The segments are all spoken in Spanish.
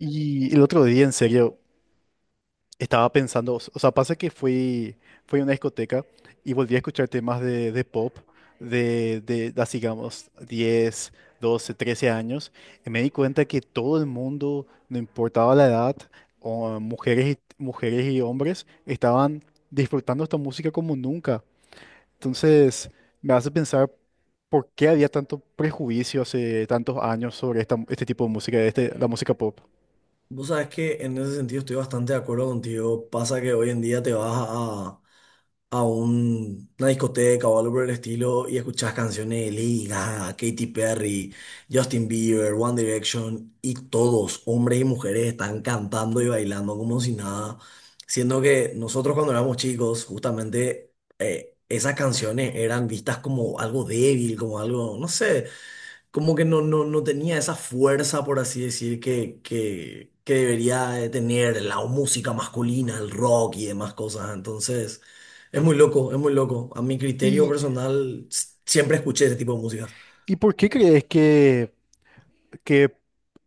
Y el otro día, en serio, estaba pensando, o sea, pasa que fui a una discoteca y volví a escuchar temas de pop de así, digamos, 10, 12, 13 años, y me di cuenta que todo el mundo, no importaba la edad, o mujeres y hombres, estaban disfrutando esta música como nunca. Entonces, me hace pensar por qué había tanto prejuicio hace tantos años sobre este tipo de música, la música pop. Vos sabés que en ese sentido estoy bastante de acuerdo contigo. Pasa que hoy en día te vas a una discoteca o algo por el estilo y escuchás canciones de Lady Gaga, Katy Perry, Justin Bieber, One Direction y todos, hombres y mujeres, están cantando y bailando como si nada. Siendo que nosotros cuando éramos chicos, justamente esas canciones eran vistas como algo débil, como algo, no sé, como que no tenía esa fuerza, por así decir, que debería de tener la música masculina, el rock y demás cosas. Entonces, es muy loco, es muy loco. A mi criterio y personal, siempre escuché ese tipo de música. ¿Y por qué crees que, que,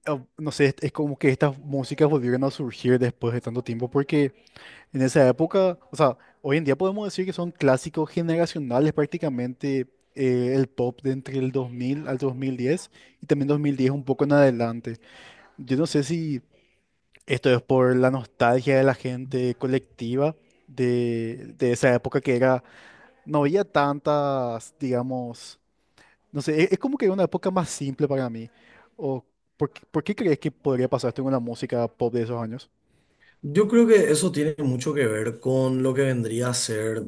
ah, no sé, es como que estas músicas volvieron a surgir después de tanto tiempo? Porque en esa época, o sea, hoy en día podemos decir que son clásicos generacionales prácticamente el pop de entre el 2000 al 2010 y también 2010 un poco en adelante. Yo no sé si esto es por la nostalgia de la gente colectiva de esa época que era, no había tantas, digamos, no sé, es como que una época más simple para mí. O, ¿por qué crees que podría pasar esto con la música pop de esos años? Yo creo que eso tiene mucho que ver con lo que vendría a ser,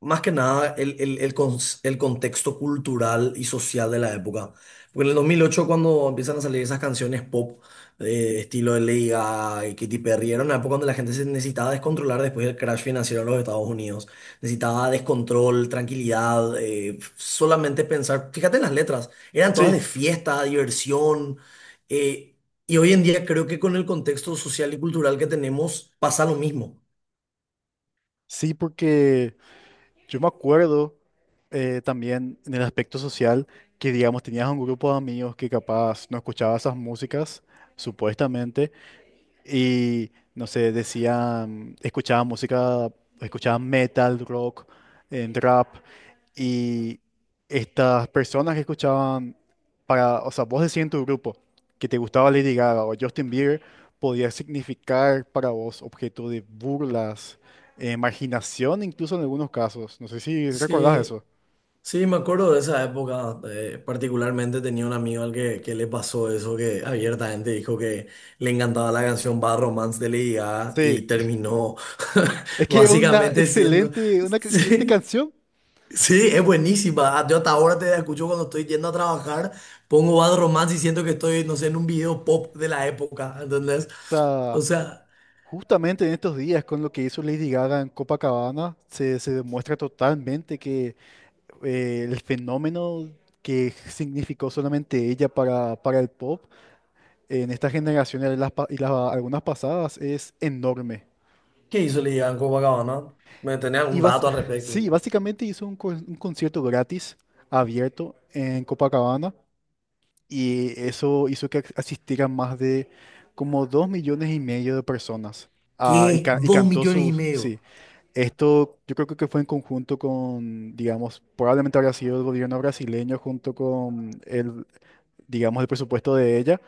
más que nada, el contexto cultural y social de la época. Porque en el 2008 cuando empiezan a salir esas canciones pop, estilo de Lady Gaga y Katy Perry, era una época donde la gente se necesitaba descontrolar después del crash financiero en los Estados Unidos. Necesitaba descontrol, tranquilidad, solamente pensar. Fíjate en las letras, eran todas Sí, de fiesta, diversión. eh, y hoy en día creo que con el contexto social y cultural que tenemos pasa lo mismo. sí, porque yo me acuerdo, también en el aspecto social que, digamos, tenías un grupo de amigos que capaz no escuchaba esas músicas, supuestamente, y no sé, decían, escuchaban música, escuchaban metal, rock, en rap. Y estas personas que escuchaban, para, o sea, vos decías en tu grupo que te gustaba Lady Gaga o Justin Bieber, podía significar para vos objeto de burlas, marginación, incluso en algunos casos. No sé si recordás Sí, eso. sí, me acuerdo de esa época. Particularmente tenía un amigo al que le pasó eso, que abiertamente dijo que le encantaba la canción Bad Romance de Lady Gaga Sí, y terminó es que es básicamente siendo... una excelente Sí, canción. sí, es buenísima. Yo hasta ahora te escucho cuando estoy yendo a trabajar, pongo Bad Romance y siento que estoy, no sé, en un video pop de la época, ¿entendés? O O sea, sea... justamente en estos días, con lo que hizo Lady Gaga en Copacabana, se demuestra totalmente que, el fenómeno que significó solamente ella para el pop en esta generación y las, pa- y las- algunas pasadas es enorme. ¿Qué hizo Ligan Copacabana? ¿Me tenés Y algún bas- dato al respecto? sí, básicamente hizo un concierto gratis, abierto, en Copacabana, y eso hizo que asistieran más de como 2,5 millones de personas. Ah, y, ¿Qué? ca- y Dos cantó millones y sus, sí, medio. esto yo creo que fue en conjunto con, digamos, probablemente habría sido el gobierno brasileño junto con el, digamos, el presupuesto de ella,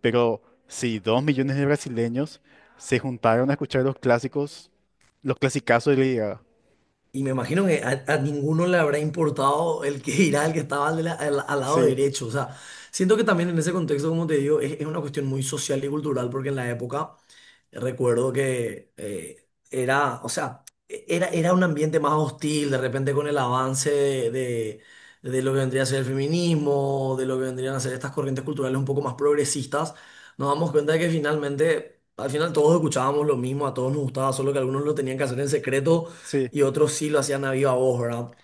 pero sí, 2 millones de brasileños se juntaron a escuchar los clásicos, los clasicazos de Lady Gaga. Y me imagino que a ninguno le habrá importado el que irá, el que estaba al al lado Sí, derecho. O sea, siento que también en ese contexto, como te digo, es una cuestión muy social y cultural, porque en la época recuerdo que era, o sea, era un ambiente más hostil, de repente con el avance de lo que vendría a ser el feminismo, de lo que vendrían a ser estas corrientes culturales un poco más progresistas, nos damos cuenta de que finalmente, al final todos escuchábamos lo mismo, a todos nos gustaba, solo que algunos lo tenían que hacer en secreto sí. y otros sí lo hacían a viva voz, ¿verdad?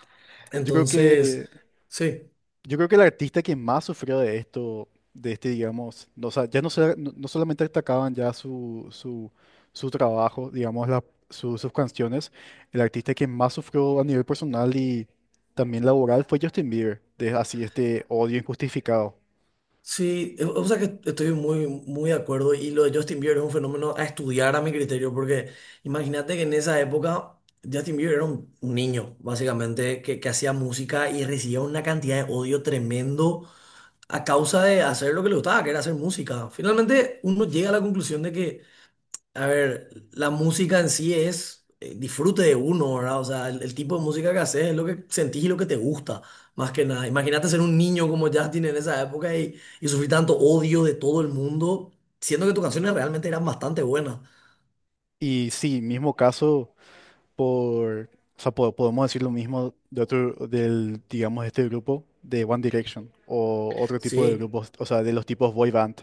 Yo creo Entonces, que sí. Yo creo que el artista que más sufrió de esto, de este, digamos, no, o sea, ya no, no solamente destacaban ya su trabajo, digamos, sus canciones, el artista que más sufrió a nivel personal y también laboral fue Justin Bieber, de así este odio injustificado. Sí, o sea que estoy muy, muy de acuerdo y lo de Justin Bieber es un fenómeno a estudiar a mi criterio, porque imagínate que en esa época Justin Bieber era un niño, básicamente, que hacía música y recibía una cantidad de odio tremendo a causa de hacer lo que le gustaba, que era hacer música. Finalmente uno llega a la conclusión de que, a ver, la música en sí es, disfrute de uno, ¿verdad? O sea, el tipo de música que haces es lo que sentís y lo que te gusta, más que nada. Imagínate ser un niño como Justin en esa época y sufrir tanto odio de todo el mundo, siendo que tus canciones realmente eran bastante buenas. Y sí, mismo caso por, o sea, podemos decir lo mismo de otro, del, digamos, este grupo de One Direction o otro tipo de Sí, grupos, o sea, de los tipos boy band.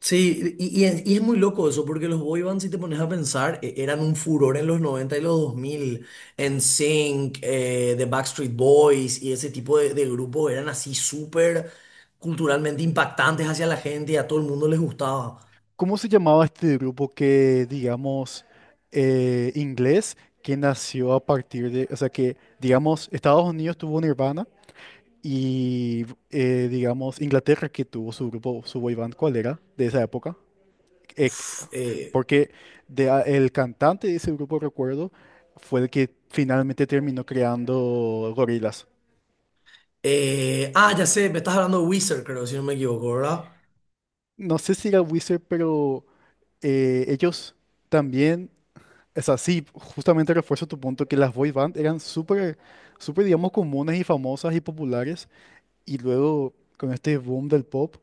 sí, y es muy loco eso, porque los boy bands, si te pones a pensar, eran un furor en los 90 y los dos mil. NSYNC, The Backstreet Boys y ese tipo de grupos eran así súper culturalmente impactantes hacia la gente y a todo el mundo les gustaba. ¿Cómo se llamaba este grupo que, digamos, inglés, que nació a partir de, o sea, que, digamos, Estados Unidos tuvo Nirvana y, digamos, Inglaterra que tuvo su grupo, su boy band? ¿Cuál era de esa época? Eh, Uf, eh, Porque el cantante de ese grupo, recuerdo, fue el que finalmente terminó creando Gorillaz. Ya sé, me estás hablando de Wizard, creo, si no me equivoco, ¿verdad? No sé si era Wizard, pero, ellos también. O sea, sí, justamente refuerzo tu punto que las boy band eran súper, súper, digamos, comunes y famosas y populares. Y luego, con este boom del pop,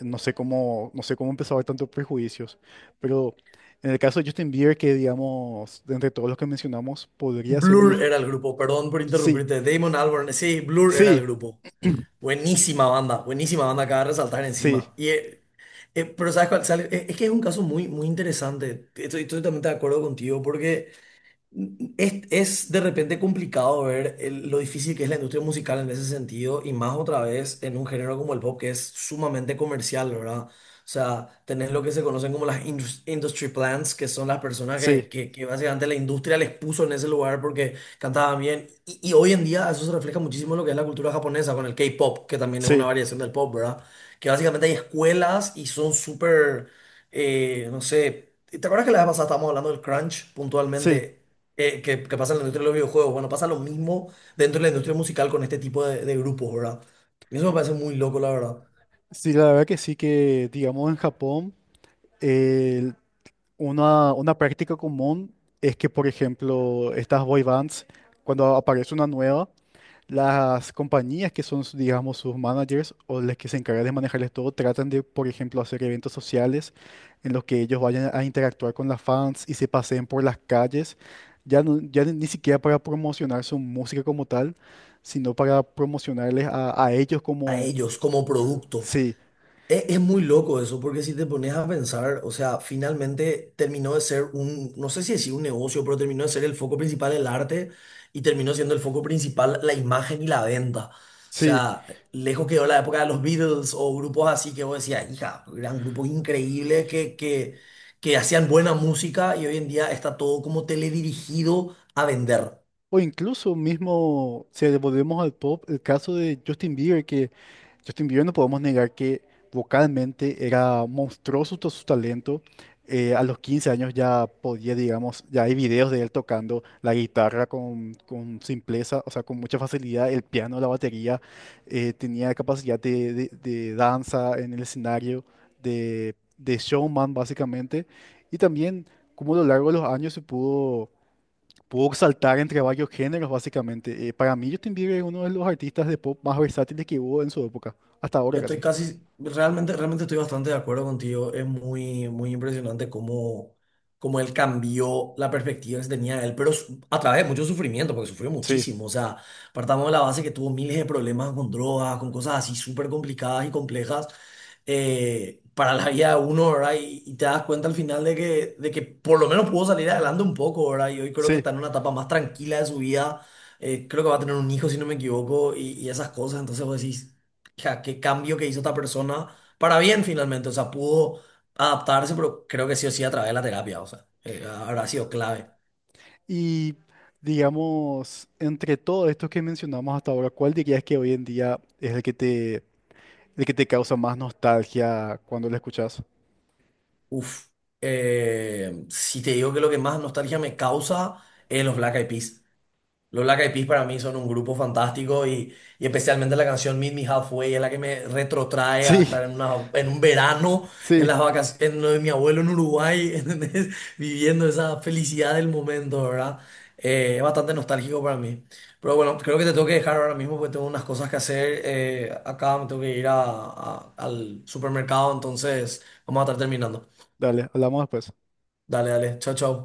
no sé cómo, no sé cómo empezó a haber tantos prejuicios. Pero en el caso de Justin Bieber, que, digamos, de entre todos los que mencionamos, podría ser mi... Blur era el grupo, perdón por Sí, interrumpirte. Damon Albarn, sí, Blur era el sí, grupo. Buenísima banda, acaba de resaltar sí, encima. Pero ¿sabes cuál? ¿Sabes? Es que es un caso muy, muy interesante. Estoy totalmente de acuerdo contigo porque... es de repente complicado ver lo difícil que es la industria musical en ese sentido y más otra vez en un género como el pop que es sumamente comercial, ¿verdad? O sea, tenés lo que se conocen como las industry plants, que son las personas sí, que básicamente la industria les puso en ese lugar porque cantaban bien. Y hoy en día eso se refleja muchísimo en lo que es la cultura japonesa con el K-pop, que también es una sí, variación del pop, ¿verdad? Que básicamente hay escuelas y son súper, no sé, ¿te acuerdas que la vez pasada estábamos hablando del crunch sí. puntualmente? Que, que pasa en la industria de los videojuegos. Bueno, pasa lo mismo dentro de la industria musical con este tipo de grupos, ¿verdad? Y eso me parece muy loco, la verdad. Sí, la verdad que sí, que, digamos, en Japón, el- una práctica común es que, por ejemplo, estas boy bands, cuando aparece una nueva, las compañías que son, digamos, sus managers o las que se encargan de manejarles todo, tratan de, por ejemplo, hacer eventos sociales en los que ellos vayan a interactuar con las fans y se paseen por las calles, ya, ya ni siquiera para promocionar su música como tal, sino para promocionarles a ellos A como, ellos como producto. sí, Es muy loco eso, porque si te pones a pensar, o sea, finalmente terminó de ser un, no sé si decir un negocio, pero terminó de ser el foco principal el arte y terminó siendo el foco principal la imagen y la venta. O sí. sea, lejos quedó la época de los Beatles o grupos así que vos decías, hija, eran grupos increíbles que hacían buena música y hoy en día está todo como teledirigido a vender. O incluso mismo, si volvemos al pop, el caso de Justin Bieber, que Justin Bieber no podemos negar que vocalmente era monstruoso todo su talento. A los 15 años ya podía, digamos, ya hay videos de él tocando la guitarra con simpleza, o sea, con mucha facilidad, el piano, la batería, tenía capacidad de danza en el escenario, de showman básicamente, y también como a lo largo de los años se pudo Pudo saltar entre varios géneros, básicamente. Para mí, Justin Bieber es uno de los artistas de pop más versátiles que hubo en su época, hasta ahora Estoy casi. casi, realmente, realmente estoy bastante de acuerdo contigo. Es muy, muy impresionante cómo, cómo él cambió la perspectiva que se tenía de él, pero a través de mucho sufrimiento, porque sufrió Sí, muchísimo. O sea, partamos de la base que tuvo miles de problemas con drogas, con cosas así súper complicadas y complejas, para la vida de uno, ¿verdad? Y te das cuenta al final de que por lo menos pudo salir adelante un poco, ¿verdad? Y hoy creo que sí. está en una etapa más tranquila de su vida. Creo que va a tener un hijo, si no me equivoco, y esas cosas. Entonces vos decís, sea, qué cambio que hizo esta persona para bien finalmente. O sea, pudo adaptarse, pero creo que sí o sí a través de la terapia. O sea, habrá sido clave. Y digamos, entre todos estos que mencionamos hasta ahora, ¿cuál dirías que hoy en día es el que te causa más nostalgia cuando lo escuchas? Uf. Si te digo que lo que más nostalgia me causa es los Black Eyed Peas. Los Black Eyed Peas para mí son un grupo fantástico y especialmente la canción Meet Me Halfway es la que me retrotrae a estar Sí, en, una, en un verano en las sí. vacaciones en lo de mi abuelo en Uruguay, ¿entendés? Viviendo esa felicidad del momento, ¿verdad? Es bastante nostálgico para mí. Pero bueno, creo que te tengo que dejar ahora mismo porque tengo unas cosas que hacer. Acá me tengo que ir al supermercado, entonces vamos a estar terminando. Dale, hablamos después. Dale, dale, chao, chao.